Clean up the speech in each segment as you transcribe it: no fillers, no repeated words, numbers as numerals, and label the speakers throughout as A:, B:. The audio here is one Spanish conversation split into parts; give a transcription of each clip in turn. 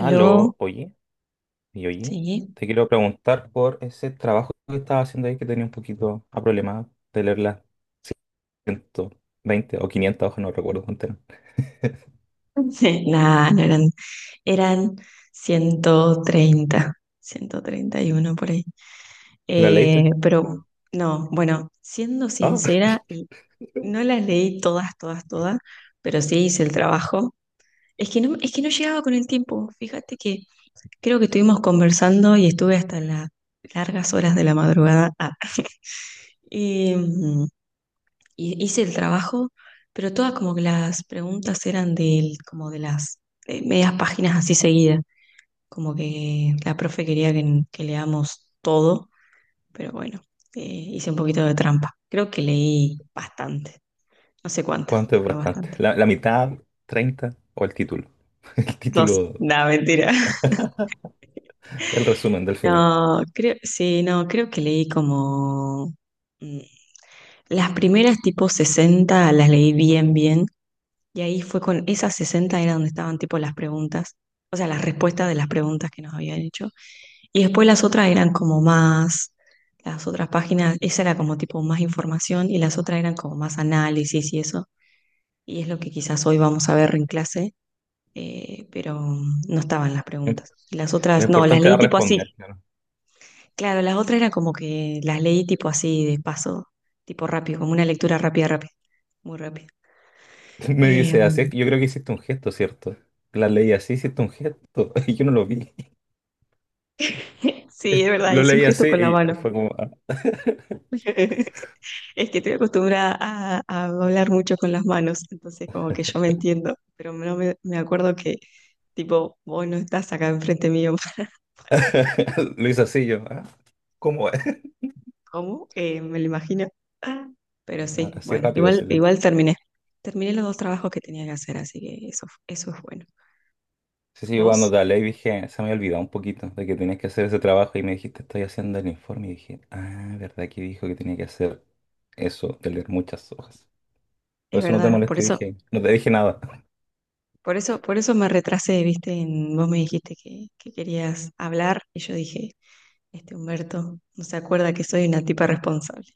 A: Aló,
B: oye, y oye,
A: sí.
B: te quiero preguntar por ese trabajo que estaba haciendo ahí que tenía un poquito a problema de leer las ciento veinte o 500 hojas, no recuerdo cuánto era.
A: Nah, no eran, eran ciento treinta, 131 por ahí.
B: ¿La leíste?
A: Pero no, bueno, siendo
B: Ah,
A: sincera, no las leí todas, todas, todas, pero sí hice el trabajo. Es que no llegaba con el tiempo. Fíjate que creo que estuvimos conversando y estuve hasta las largas horas de la madrugada. Ah, y, mm, y hice el trabajo, pero todas como que las preguntas eran como de las medias páginas así seguidas, como que la profe quería que leamos todo, pero bueno, hice un poquito de trampa. Creo que leí bastante, no sé cuántas,
B: ¿cuánto es
A: pero
B: bastante?
A: bastante.
B: La mitad, 30 o el título. El
A: Dos,
B: título,
A: no, mentira.
B: el resumen del final.
A: No, creo, sí, no, creo que leí como... mm, Las primeras tipo 60 las leí bien, bien, y ahí fue con esas 60 era donde estaban tipo las preguntas, o sea, las respuestas de las preguntas que nos habían hecho. Y después las otras eran como más, las otras páginas, esa era como tipo más información y las otras eran como más análisis y eso. Y es lo que quizás hoy vamos a ver en clase, pero no estaban las preguntas. Y las
B: Lo
A: otras, no, las
B: importante era
A: leí tipo así.
B: responder, claro.
A: Claro, las otras eran como que las leí tipo así de paso, tipo rápido, como una lectura rápida, rápida, muy rápida.
B: Me
A: Eh,
B: dice así, es que yo creo que hiciste un gesto, ¿cierto? La leí así, hiciste un gesto y yo no lo vi.
A: sí, es verdad,
B: Lo
A: hice un
B: leí
A: gesto
B: así
A: con la
B: y
A: mano.
B: fue como, ah.
A: Es que estoy acostumbrada a hablar mucho con las manos, entonces como que yo me entiendo, pero no me acuerdo que tipo, vos no estás acá enfrente mío para ver
B: Lo hice así yo. ¿Cómo?
A: cómo, me lo imagino. Pero
B: Ah,
A: sí,
B: así
A: bueno,
B: rápido,
A: igual,
B: excelente.
A: igual terminé. Terminé los dos trabajos que tenía que hacer, así que eso es bueno.
B: Sí, sí, yo cuando
A: Vos,
B: te hablé y dije, se me había olvidado un poquito de que tenías que hacer ese trabajo y me dijiste, estoy haciendo el informe y dije, ah, verdad que dijo que tenía que hacer eso, de leer muchas hojas. Por
A: es
B: eso no te
A: verdad, por
B: molesté,
A: eso,
B: dije, no te dije nada.
A: por eso, por eso me retrasé, viste, vos me dijiste que querías hablar y yo dije, este Humberto no se acuerda que soy una tipa responsable.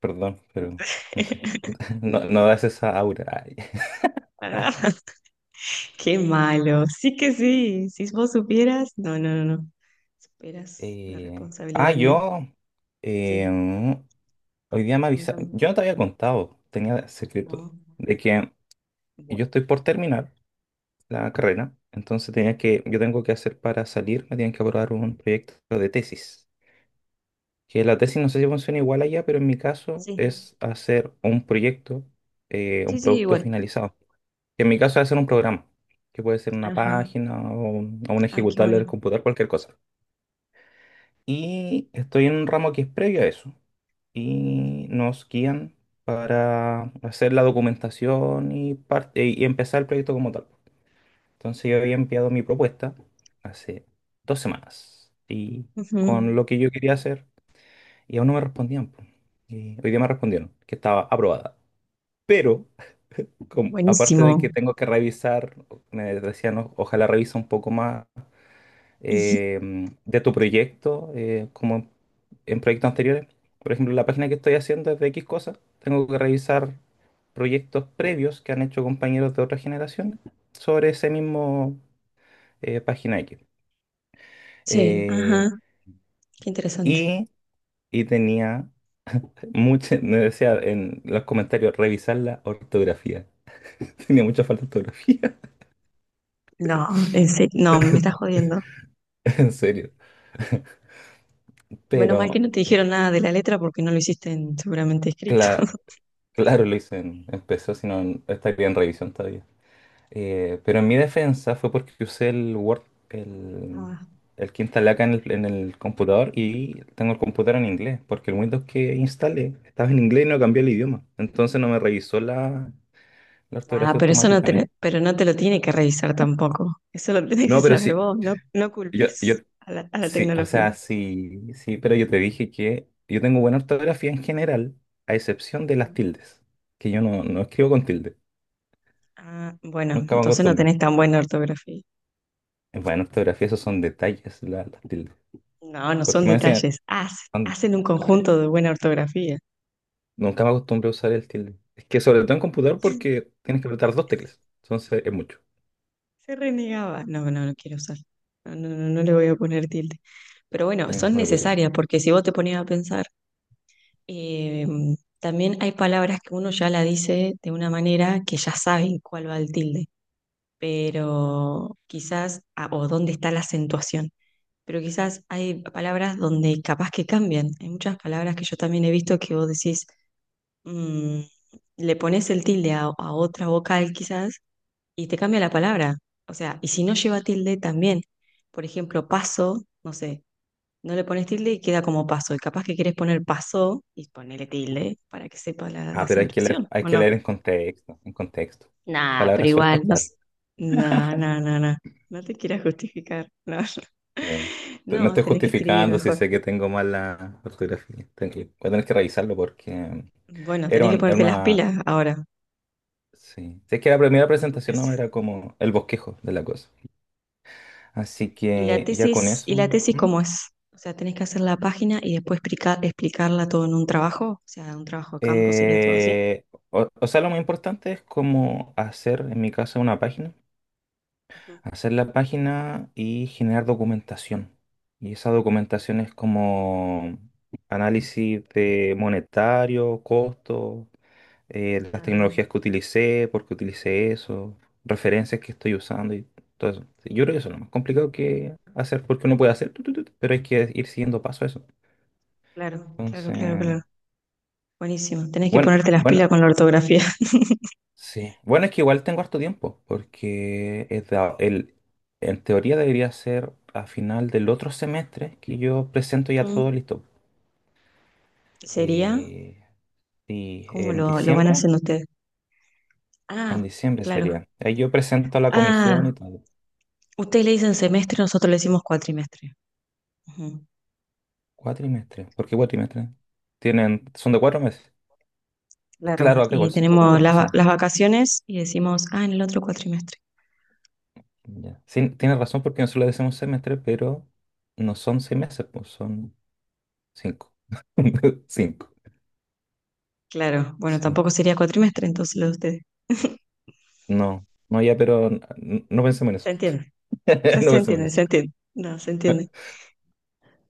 B: Perdón, pero no sé, no, no das esa aura. Ay.
A: Ah, qué malo. Sí que sí. Si vos supieras. No, no, no, no. Superas la
B: Eh,
A: responsabilidad mía.
B: yo, eh,
A: Sí,
B: hoy día me avisaron,
A: contame.
B: yo no te había contado, tenía secreto,
A: No.
B: de que
A: Bueno.
B: yo estoy por terminar la carrera. Entonces tenía que, yo tengo que hacer para salir, me tienen que aprobar un proyecto de tesis. Que la tesis no sé si funciona igual allá, pero en mi caso
A: Sí,
B: es hacer un proyecto,
A: sí,
B: un
A: sí,
B: producto
A: bueno.
B: finalizado. Que en mi caso es hacer un programa, que puede ser una
A: Ajá.
B: página o un
A: Ah, qué
B: ejecutable del
A: bueno.
B: computador, cualquier cosa. Y estoy en un ramo que es previo a eso. Y nos guían para hacer la documentación y, parte, y empezar el proyecto como tal. Entonces yo había enviado mi propuesta hace dos semanas y con
A: Ujú.
B: lo que yo quería hacer y aún no me respondían, po. Y hoy día me respondieron que estaba aprobada. Pero como- aparte de que
A: Buenísimo.
B: tengo que revisar, me decían, "O- ojalá revisa un poco más eh, de tu proyecto, como en proyectos anteriores. Por ejemplo, la página que estoy haciendo es de X cosas. Tengo que revisar proyectos previos que han hecho compañeros de otras generaciones sobre ese mismo página X.
A: Sí,
B: Eh,
A: ajá. Qué interesante.
B: y, y tenía mucha, me decía en los comentarios, revisar la ortografía. Tenía mucha falta de ortografía,
A: No, en serio, no, me estás jodiendo.
B: en serio.
A: Bueno, mal que
B: Pero,
A: no te dijeron nada de la letra porque no lo hiciste seguramente escrito.
B: cla- claro, lo hice en PC, si no estaría en revisión todavía. Pero en mi defensa fue porque usé el Word, el, el que instalé acá en el computador, y tengo el computador en inglés, porque el Windows que instalé estaba en inglés y no cambié el idioma. Entonces no me revisó la, la
A: Ah,
B: ortografía
A: pero eso
B: automáticamente.
A: pero no te lo tiene que revisar tampoco. Eso lo tienes que
B: No, pero
A: saber
B: sí,
A: vos. No, no
B: Yo, yo,
A: culpes a la
B: sí, o
A: tecnología.
B: sea, sí, sí, pero yo te dije que yo tengo buena ortografía en general, a excepción de las
A: Ujú.
B: tildes, que yo no, no escribo con tilde,
A: Ah, bueno,
B: nunca me
A: entonces no
B: acostumbro.
A: tenés tan buena ortografía.
B: En buena ortografía esos son detalles, las tildes.
A: No, no
B: Porque
A: son
B: me decían,
A: detalles.
B: "Juan,
A: Hacen un
B: ay,
A: conjunto de buena ortografía.
B: nunca me acostumbro a usar el tilde. Es que sobre todo en computador porque tienes que apretar dos teclas, entonces es mucho.
A: Se renegaba. No, no, no quiero usar. No, no, no, no le voy a poner tilde. Pero bueno,
B: Sí,
A: son
B: no le puse tilde.
A: necesarias porque si vos te ponías a pensar, eh, también hay palabras que uno ya la dice de una manera que ya saben cuál va el tilde, pero quizás, o dónde está la acentuación, pero quizás hay palabras donde capaz que cambian. Hay muchas palabras que yo también he visto que vos decís, mm, le pones el tilde a otra vocal quizás y te cambia la palabra. O sea, y si no lleva tilde también, por ejemplo, paso, no sé, no le pones tilde y queda como paso. Y capaz que quieres poner paso y ponerle tilde para que sepa la
B: Ah, pero
A: acentuación,
B: hay
A: ¿o
B: que leer
A: no?
B: en contexto, en contexto.
A: Nah, pero
B: Palabras sueltas,
A: igual, no,
B: claro.
A: no, no, no, no, no te quieras justificar, no,
B: Eh, me
A: no,
B: estoy
A: tenés que escribir
B: justificando si
A: mejor.
B: sé que tengo mal la ortografía. Voy a tener que revisarlo porque
A: Bueno,
B: era,
A: tenés que
B: era
A: ponerte las
B: una...
A: pilas ahora
B: Sí. Si es que la primera
A: con tu
B: presentación no
A: tesis.
B: era como el bosquejo de la cosa. Así
A: ¿Y la
B: que ya con
A: tesis, y
B: eso.
A: la tesis
B: ¿Mm?
A: cómo es? O sea, tenés que hacer la página y después explicarla todo en un trabajo, o sea, un trabajo de campo sería todo así.
B: Eh, o, o sea, lo más importante es como hacer, en mi caso, una página.
A: Ujú.
B: Hacer la página y generar documentación. Y esa documentación es como análisis de monetario, costo, las
A: Ah, bien,
B: tecnologías que utilicé, por qué utilicé eso, referencias que estoy usando y todo eso. Sí, yo creo que eso es lo más complicado que hacer, porque uno puede hacer, tu, pero hay que ir siguiendo paso a eso.
A: claro, claro, claro,
B: Entonces,
A: claro. Buenísimo, tenés que
B: bueno,
A: ponerte las pilas
B: bueno,
A: con la ortografía.
B: sí. Bueno, es que igual tengo harto tiempo, porque es en teoría debería ser a final del otro semestre que yo presento ya todo
A: Mm.
B: listo.
A: ¿Sería?
B: Eh, y
A: ¿Cómo
B: en
A: lo van
B: diciembre,
A: haciendo ustedes?
B: en
A: Ah,
B: diciembre
A: claro.
B: sería. Ahí yo presento a la comisión y
A: Ah,
B: todo.
A: ustedes le dicen semestre, nosotros le decimos cuatrimestre. Ujú,
B: Cuatrimestre. ¿Por qué cuatrimestre? Tienen, son de cuatro meses.
A: claro,
B: Claro, acá
A: y
B: igual son de
A: tenemos
B: cuatro
A: las, va-
B: meses.
A: las vacaciones y decimos, en el otro cuatrimestre.
B: Ya. Sí, tienes razón porque nosotros le decimos semestre, pero no son seis meses, pues son cinco. Cinco.
A: Claro, bueno,
B: Sí.
A: tampoco sería cuatrimestre entonces lo de ustedes.
B: No, no, ya, pero no, pensemos en
A: Se
B: eso.
A: entiende, se,
B: No
A: se
B: pensemos en
A: entiende, se
B: eso.
A: entiende. No, se entiende.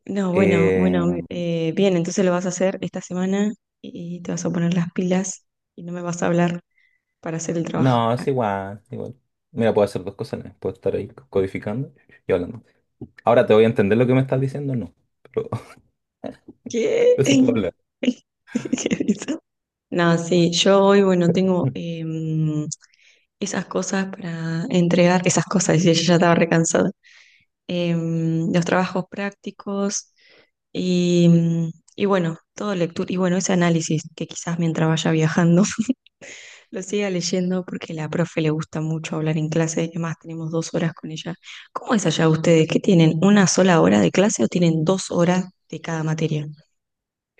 A: No, bueno,
B: Eh,
A: bueno, bien, entonces lo vas a hacer esta semana y te vas a poner las pilas y no me vas a hablar para hacer el trabajo.
B: no,
A: Ah,
B: es igual, es igual. Mira, puedo hacer dos cosas a la vez. Puedo estar ahí codificando y hablando. Ahora te voy a entender lo que me estás diciendo, no. Pero,
A: ¿qué?
B: pero se puede hablar.
A: ¿Qué hizo? No, sí, yo hoy, bueno, tengo, esas cosas para entregar, esas cosas, y ella ya estaba recansada, los trabajos prácticos y, mm, y bueno, todo lectura, y bueno, ese análisis que quizás mientras vaya viajando lo siga leyendo porque la profe le gusta mucho hablar en clase, además tenemos 2 horas con ella. ¿Cómo es allá ustedes? ¿Qué tienen? ¿Una sola hora de clase o tienen 2 horas de cada materia?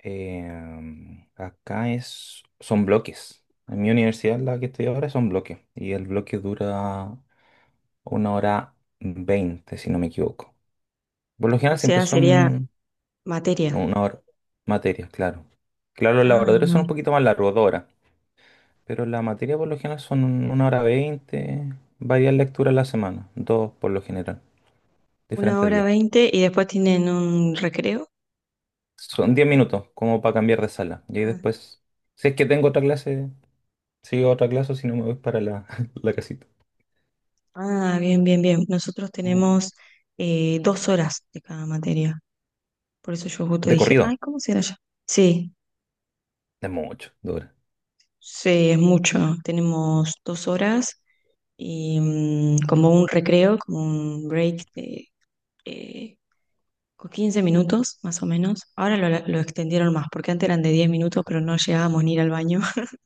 B: Em, acá es, son bloques. En mi universidad, la que estoy ahora, son bloques. Y el bloque dura una hora veinte, si no me equivoco. Por lo
A: O
B: general siempre
A: sea, sería
B: son
A: materia.
B: una hora materias, claro. Claro, los
A: Ah,
B: laboratorios
A: no.
B: son un poquito más largos, dos horas. Pero la materia por lo general son una hora veinte, varias lecturas a la semana, dos por lo general,
A: Una
B: diferentes
A: hora
B: días.
A: veinte y después tienen un recreo.
B: Son diez minutos, como para cambiar de sala. Y ahí
A: Ah,
B: después, si es que tengo otra clase. Sí, otra clase si no me voy para la, la casita.
A: Ah, bien, bien, bien. Nosotros
B: Mm.
A: tenemos 2 horas de cada materia. Por eso yo justo
B: De
A: dije,
B: corrido,
A: ay, ¿cómo será ya? Sí,
B: de mucho, de horas.
A: sí, es mucho. Tenemos 2 horas y como un recreo, como un break de eh, con 15 minutos más o menos. Ahora lo extendieron más, porque antes eran de 10 minutos, pero no llegábamos ni ir al baño.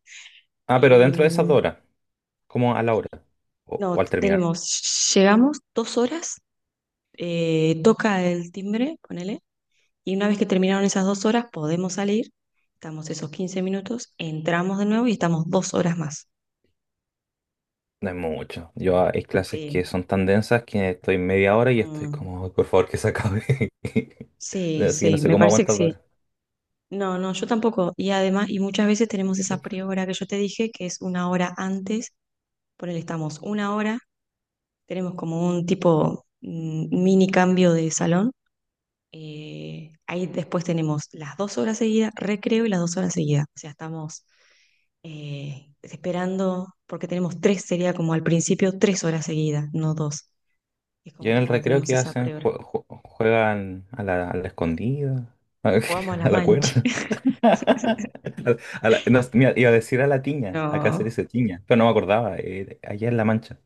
B: Ah, pero
A: Y,
B: dentro de esas dos horas, como a la hora
A: no,
B: o al terminar,
A: llegamos 2 horas, toca el timbre, ponele. Y una vez que terminaron esas 2 horas, podemos salir, estamos esos 15 minutos, entramos de nuevo y estamos 2 horas más.
B: no es mucho. Yo, ah, hay clases que
A: Sí.
B: son tan densas que estoy media hora y estoy
A: Mm,
B: como, "Ay, por favor, que se acabe.
A: sí,
B: Así que no
A: sí,
B: sé
A: me
B: cómo
A: parece que
B: aguantas dos
A: sí.
B: horas.
A: No, no, yo tampoco. Y además, muchas veces tenemos esa prehora que yo te dije, que es una hora antes, por él estamos una hora, tenemos como un tipo mini cambio de salón. Ahí después tenemos las 2 horas seguidas, recreo y las 2 horas seguidas. O sea, estamos esperando, porque tenemos tres, sería como al principio 3 horas seguidas, no dos. Es
B: Y
A: como
B: en
A: que
B: el
A: cuando
B: recreo
A: tenemos
B: qué
A: esa
B: hacen,
A: prehora.
B: Juegan a la escondida,
A: Jugamos a la
B: a la
A: mancha.
B: cuerda. A la- no, mira, iba a decir a la tiña, acá se
A: No,
B: dice tiña, pero no me acordaba, allá en La Mancha.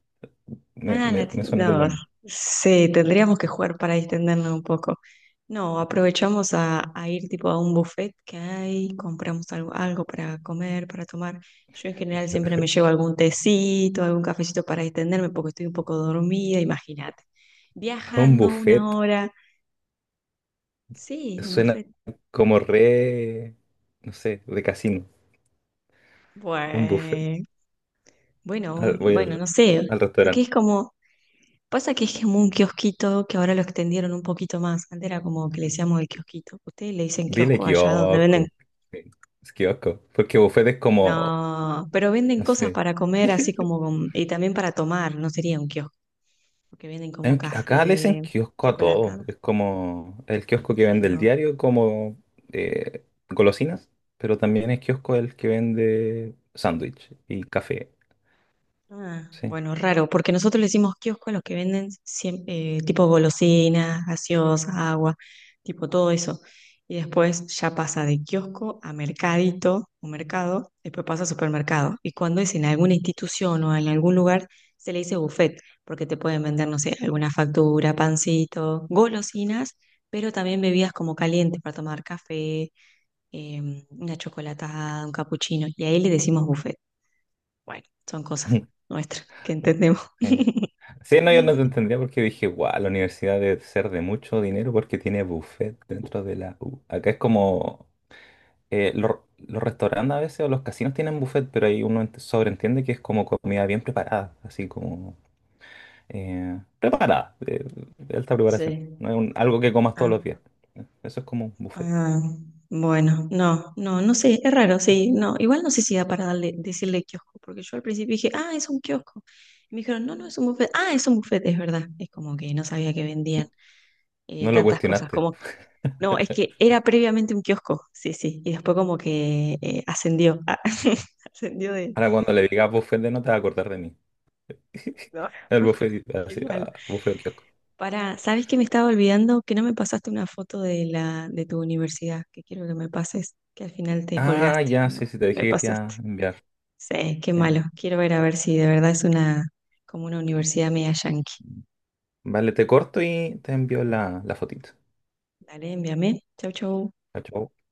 A: ah, la
B: Me
A: tenis.
B: suena que lo...
A: No, sí, tendríamos que jugar para distendernos un poco. No, aprovechamos a ir tipo a un buffet que hay, compramos algo, algo para comer, para tomar. Yo en general siempre me llevo algún tecito, algún cafecito para distenderme porque estoy un poco dormida, imagínate.
B: A un
A: Viajando una
B: buffet
A: hora. Sí, un
B: suena
A: buffet.
B: como re... No sé, de casino. Un buffet.
A: Bueno, bueno,
B: Voy
A: bueno,
B: al,
A: no sé,
B: al
A: porque
B: restaurante.
A: es como. Pasa que es como un kiosquito que ahora lo extendieron un poquito más. Antes era como que le decíamos el kiosquito. Ustedes le dicen
B: Dile
A: kiosco allá donde venden.
B: kiosco. Sí, es kiosco. Porque buffet es como...
A: No, pero venden
B: No
A: cosas
B: sé.
A: para comer, así como y también para tomar, no sería un kiosco, porque venden como
B: Acá le dicen
A: café,
B: kiosco a
A: chocolate.
B: todo. Es como el kiosco que vende el
A: No.
B: diario, como eh, golosinas, pero también es kiosco el que vende sándwich y café.
A: Ah,
B: Sí.
A: bueno, raro, porque nosotros le decimos kiosco a los que venden tipo golosinas, gaseosas, agua, tipo todo eso. Y después ya pasa de kiosco a mercadito o mercado, después pasa a supermercado. Y cuando es en alguna institución o en algún lugar, se le dice buffet, porque te pueden vender, no sé, alguna factura, pancito, golosinas, pero también bebidas como calientes para tomar café, una chocolatada, un capuchino. Y ahí le decimos buffet. Bueno, son cosas nuestras que entendemos.
B: Sí. Sí, no, yo no te entendía porque dije, guau, la universidad debe ser de mucho dinero porque tiene buffet dentro de la U. Acá es como, los restaurantes a veces o los casinos tienen buffet, pero ahí uno ent- sobreentiende que es como comida bien preparada, así como preparada, de alta preparación.
A: Sí.
B: No es algo que comas todos los
A: Ah,
B: días. Eso es como un buffet.
A: ah, bueno, no, no, no sé, es raro, sí, no, igual no sé si da para decirle kiosco, porque yo al principio dije, ah, es un kiosco. Y me dijeron, no, no es un buffet, ah, es un buffet, es verdad. Es como que no sabía que vendían
B: No lo
A: tantas cosas,
B: cuestionaste.
A: como, no, es que era previamente un kiosco, sí, sí, y después como que ascendió, ascendió de,
B: Ahora cuando le digas buffet de no te vas a acordar de mí.
A: no,
B: El buffet, así,
A: igual.
B: ah, buffet o kiosco.
A: Para, ¿sabes que me estaba olvidando? Que no me pasaste una foto de la de tu universidad, que quiero que me pases, que al final te
B: Ah,
A: colgaste,
B: ya,
A: no,
B: sí, sí, te
A: no me
B: dije que te iba
A: pasaste.
B: a enviar.
A: Sí, qué
B: Sí.
A: malo. Quiero ver a ver si de verdad es una como una universidad media yankee.
B: Vale, te corto y te envío la, la fotito.
A: Dale, envíame. Chau, chau.
B: Chao, chao.